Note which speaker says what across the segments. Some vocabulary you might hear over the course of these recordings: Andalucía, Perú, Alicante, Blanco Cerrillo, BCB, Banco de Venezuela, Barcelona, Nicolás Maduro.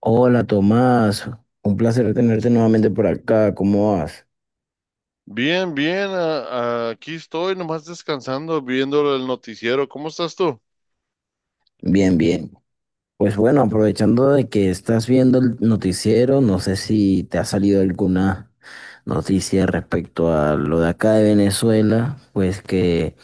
Speaker 1: Hola Tomás, un placer tenerte nuevamente por acá. ¿Cómo vas?
Speaker 2: Bien, bien, aquí estoy nomás descansando, viendo el noticiero. ¿Cómo estás tú?
Speaker 1: Bien, bien. Pues bueno, aprovechando de que estás viendo el noticiero, no sé si te ha salido alguna noticia respecto a lo de acá de Venezuela, pues que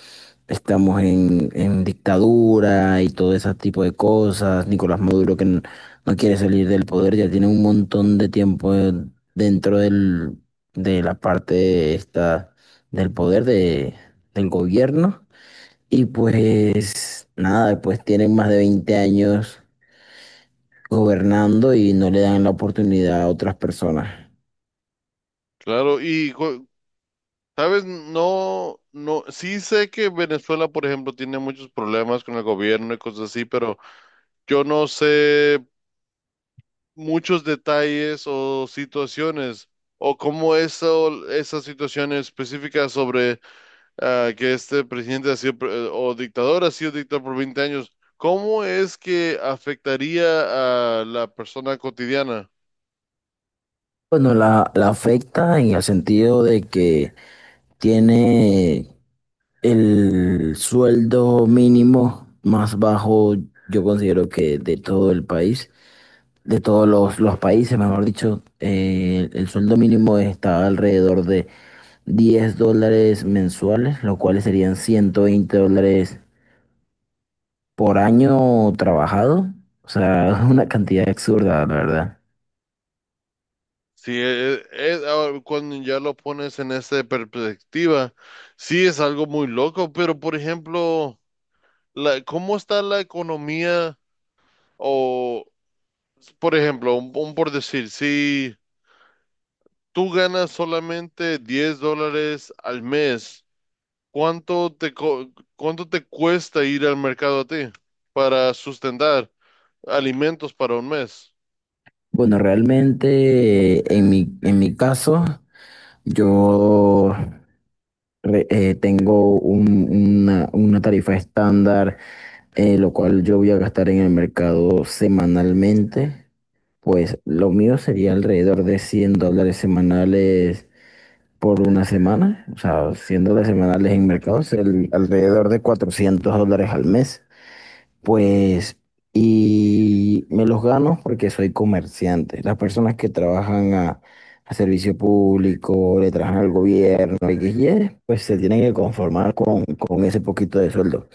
Speaker 1: estamos en dictadura y todo ese tipo de cosas. Nicolás Maduro que no quiere salir del poder. Ya tiene un montón de tiempo, dentro del, de la parte esta del poder del gobierno. Y pues nada, pues tienen más de 20 años gobernando y no le dan la oportunidad a otras personas.
Speaker 2: Claro, sabes, no, no, sí sé que Venezuela, por ejemplo, tiene muchos problemas con el gobierno y cosas así, pero yo no sé muchos detalles o situaciones o cómo eso, esas situaciones específicas sobre que este presidente ha sido pre- o dictador, ha sido dictador por 20 años. ¿Cómo es que afectaría a la persona cotidiana?
Speaker 1: Bueno, la afecta en el sentido de que tiene el sueldo mínimo más bajo, yo considero, que de todo el país, de todos los países, mejor dicho. El sueldo mínimo está alrededor de $10 mensuales, lo cual serían $120 por año trabajado. O sea, es una cantidad absurda, la verdad.
Speaker 2: Sí, ahora cuando ya lo pones en esa perspectiva, sí es algo muy loco, pero por ejemplo, la, ¿cómo está la economía? O, por ejemplo, un por decir, si tú ganas solamente $10 al mes, ¿cuánto te, co- ¿cuánto te cuesta ir al mercado a ti para sustentar alimentos para un mes?
Speaker 1: Bueno, realmente, en mi caso, yo tengo una tarifa estándar, lo cual yo voy a gastar en el mercado semanalmente. Pues lo mío sería alrededor de $100 semanales por una semana, o sea, $100 semanales en mercados, alrededor de $400 al mes, pues, y me los gano porque soy comerciante. Las personas que trabajan a servicio público, le trabajan al gobierno, XY, pues se tienen que conformar con ese poquito de sueldo.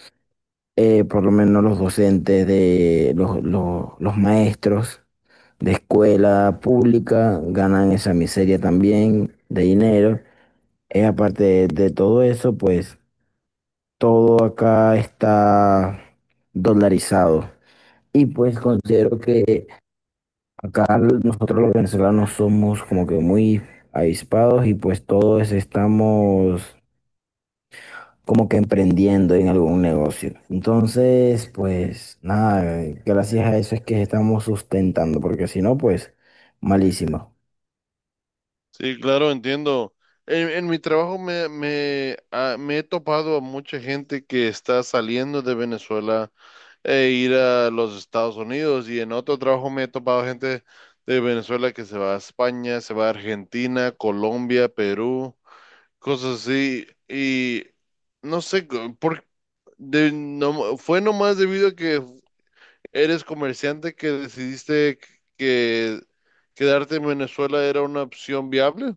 Speaker 1: Por lo menos los docentes, de los maestros de escuela pública, ganan esa miseria también de dinero. Aparte de todo eso, pues todo acá está dolarizado. Y pues considero que acá nosotros los venezolanos somos como que muy avispados y pues todos estamos como que emprendiendo en algún negocio. Entonces, pues nada, gracias a eso es que estamos sustentando, porque si no, pues malísimo.
Speaker 2: Sí, claro, entiendo. En mi trabajo me he topado a mucha gente que está saliendo de Venezuela e ir a los Estados Unidos, y en otro trabajo me he topado gente de Venezuela que se va a España, se va a Argentina, Colombia, Perú, cosas así. Y no sé, co- por, de, no, fue nomás debido a que eres comerciante que decidiste que quedarte en Venezuela era una opción viable.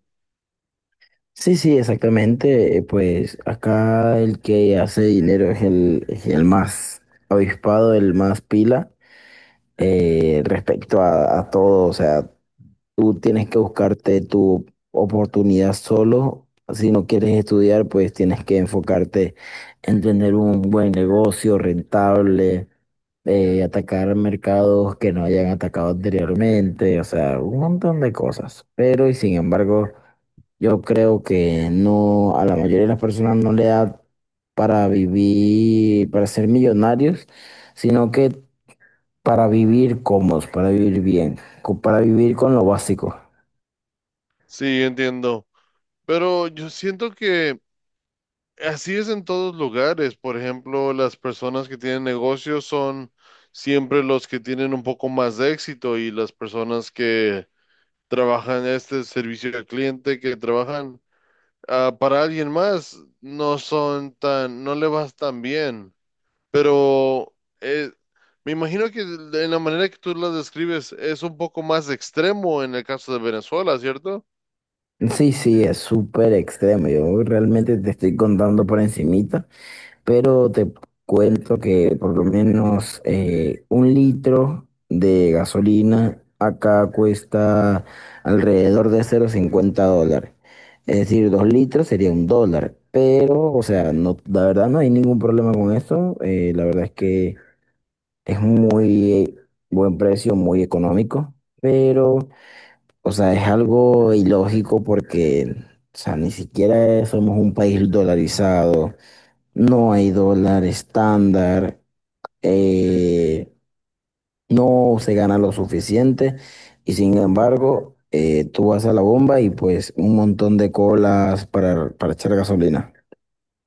Speaker 1: Sí, sí, exactamente. Pues acá el que hace dinero es el más avispado, el más pila, respecto a todo. O sea, tú tienes que buscarte tu oportunidad solo. Si no quieres estudiar, pues tienes que enfocarte en tener un buen negocio rentable, de atacar mercados que no hayan atacado anteriormente, o sea, un montón de cosas. Pero y sin embargo, yo creo que no, a la mayoría de las personas no le da para vivir, para ser millonarios, sino que para vivir cómodos, para vivir bien, para vivir con lo básico.
Speaker 2: Sí, entiendo. Pero yo siento que así es en todos lugares. Por ejemplo, las personas que tienen negocios son siempre los que tienen un poco más de éxito, y las personas que trabajan este servicio al cliente, que trabajan para alguien más, no son tan, no le vas tan bien. Pero eh, me imagino que en la manera que tú las describes es un poco más extremo en el caso de Venezuela, ¿cierto?
Speaker 1: Sí, sí, es súper extremo. Yo realmente te estoy contando por encimita, pero te cuento que por lo menos, un litro de gasolina acá cuesta alrededor de $0,50. Es decir, 2 litros sería un dólar. Pero, o sea, no, la verdad no hay ningún problema con eso. La verdad es que es muy buen precio, muy económico. Pero, o sea, es algo ilógico porque, o sea, ni siquiera somos un país dolarizado. No hay dólar estándar, eh, no se gana lo suficiente. Y sin embargo, tú vas a la bomba y pues un montón de colas para echar gasolina.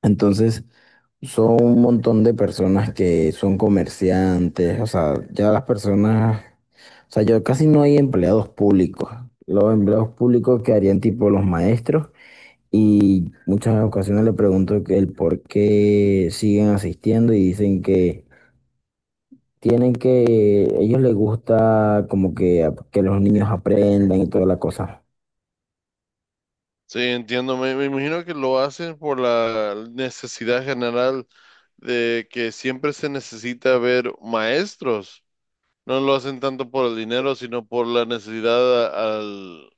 Speaker 1: Entonces son un montón de personas que son comerciantes, o sea, ya las personas, o sea, yo, casi no hay empleados públicos. Los empleados públicos que harían tipo los maestros, y muchas ocasiones le pregunto que el por qué siguen asistiendo, y dicen que tienen que, ellos les gusta como que, que los niños aprendan y toda la cosa.
Speaker 2: Sí, entiendo. Me imagino que lo hacen por la necesidad general de que siempre se necesita ver maestros. No lo hacen tanto por el dinero, sino por la necesidad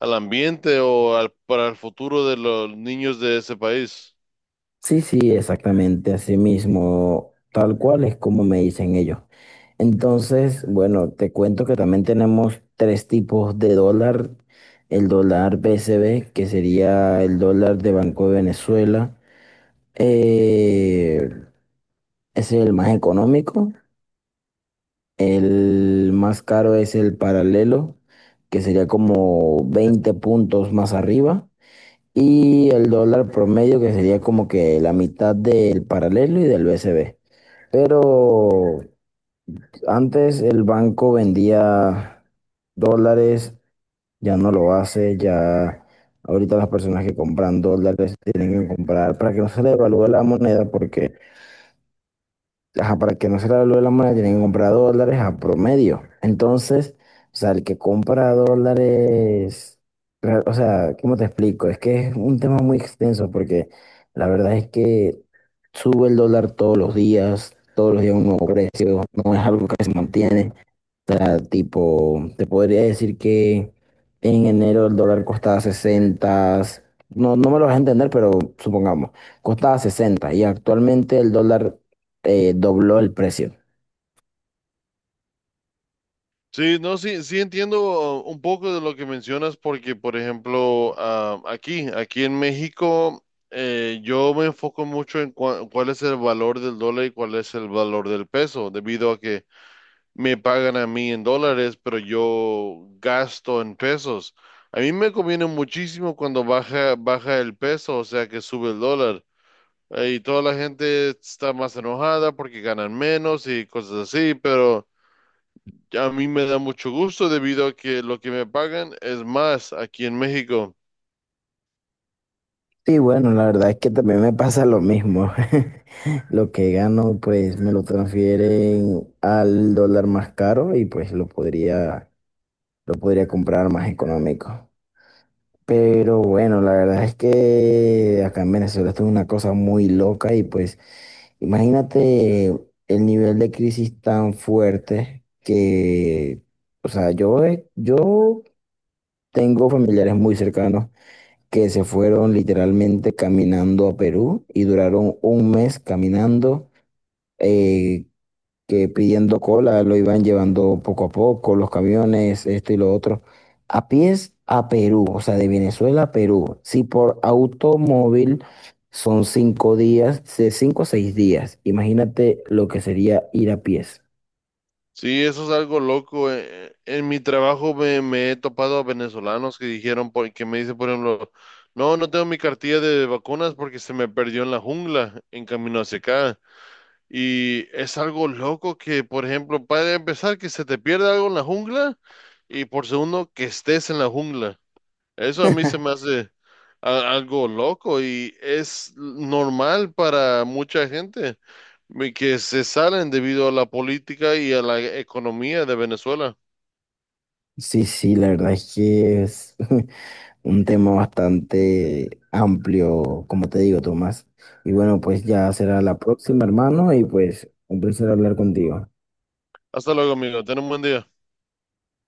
Speaker 2: al ambiente o al, para el futuro de los niños de ese país.
Speaker 1: Sí, sí, exactamente, así mismo, tal cual es como me dicen ellos. Entonces, bueno, te cuento que también tenemos tres tipos de dólar. El dólar BCB, que sería el dólar de Banco de Venezuela. eh, ese es el más económico. El más caro es el paralelo, que sería como 20 puntos más arriba. Y el dólar promedio, que sería como que la mitad del paralelo y del BCB. Pero antes el banco vendía dólares, ya no lo hace. Ya ahorita las personas que compran dólares tienen que comprar para que no se le devalúe la moneda porque, ajá, para que no se le valúe la moneda, tienen que comprar dólares a promedio. Entonces, o sea, el que compra dólares, o sea, ¿cómo te explico? Es que es un tema muy extenso porque la verdad es que sube el dólar todos los días un nuevo precio, no es algo que se mantiene, sea, tipo, te podría decir que en enero el dólar costaba 60, no, no me lo vas a entender, pero supongamos, costaba 60 y actualmente el dólar, dobló el precio.
Speaker 2: Sí, no, sí, sí entiendo un poco de lo que mencionas porque, por ejemplo, aquí, aquí en México, yo me enfoco mucho en cuál es el valor del dólar y cuál es el valor del peso, debido a que me pagan a mí en dólares, pero yo gasto en pesos. A mí me conviene muchísimo cuando baja, baja el peso, o sea que sube el dólar. Y toda la gente está más enojada porque ganan menos y cosas así, pero a mí me da mucho gusto debido a que lo que me pagan es más aquí en México.
Speaker 1: Sí, bueno, la verdad es que también me pasa lo mismo. Lo que gano, pues me lo transfieren al dólar más caro y pues lo podría comprar más económico. Pero bueno, la verdad es que acá en Venezuela esto es una cosa muy loca y pues, imagínate el nivel de crisis tan fuerte que, o sea, yo tengo familiares muy cercanos que se fueron literalmente caminando a Perú y duraron un mes caminando. eh, que pidiendo cola lo iban llevando poco a poco, los camiones, esto y lo otro, a pies a Perú, o sea, de Venezuela a Perú. Si por automóvil son 5 días, de 5 o 6 días, imagínate lo que sería ir a pies.
Speaker 2: Sí, eso es algo loco. En mi trabajo me he topado a venezolanos que dijeron, que me dicen, por ejemplo, no, no tengo mi cartilla de vacunas porque se me perdió en la jungla en camino hacia acá. Y es algo loco que, por ejemplo, para empezar, que se te pierda algo en la jungla, y por segundo, que estés en la jungla. Eso a mí se me hace algo loco, y es normal para mucha gente que se salen debido a la política y a la economía de Venezuela.
Speaker 1: Sí, sí, la verdad es que es un tema bastante amplio, como te digo, Tomás. Y bueno, pues ya será la próxima, hermano, y pues un placer hablar contigo.
Speaker 2: Hasta luego, amigo. Ten un buen día.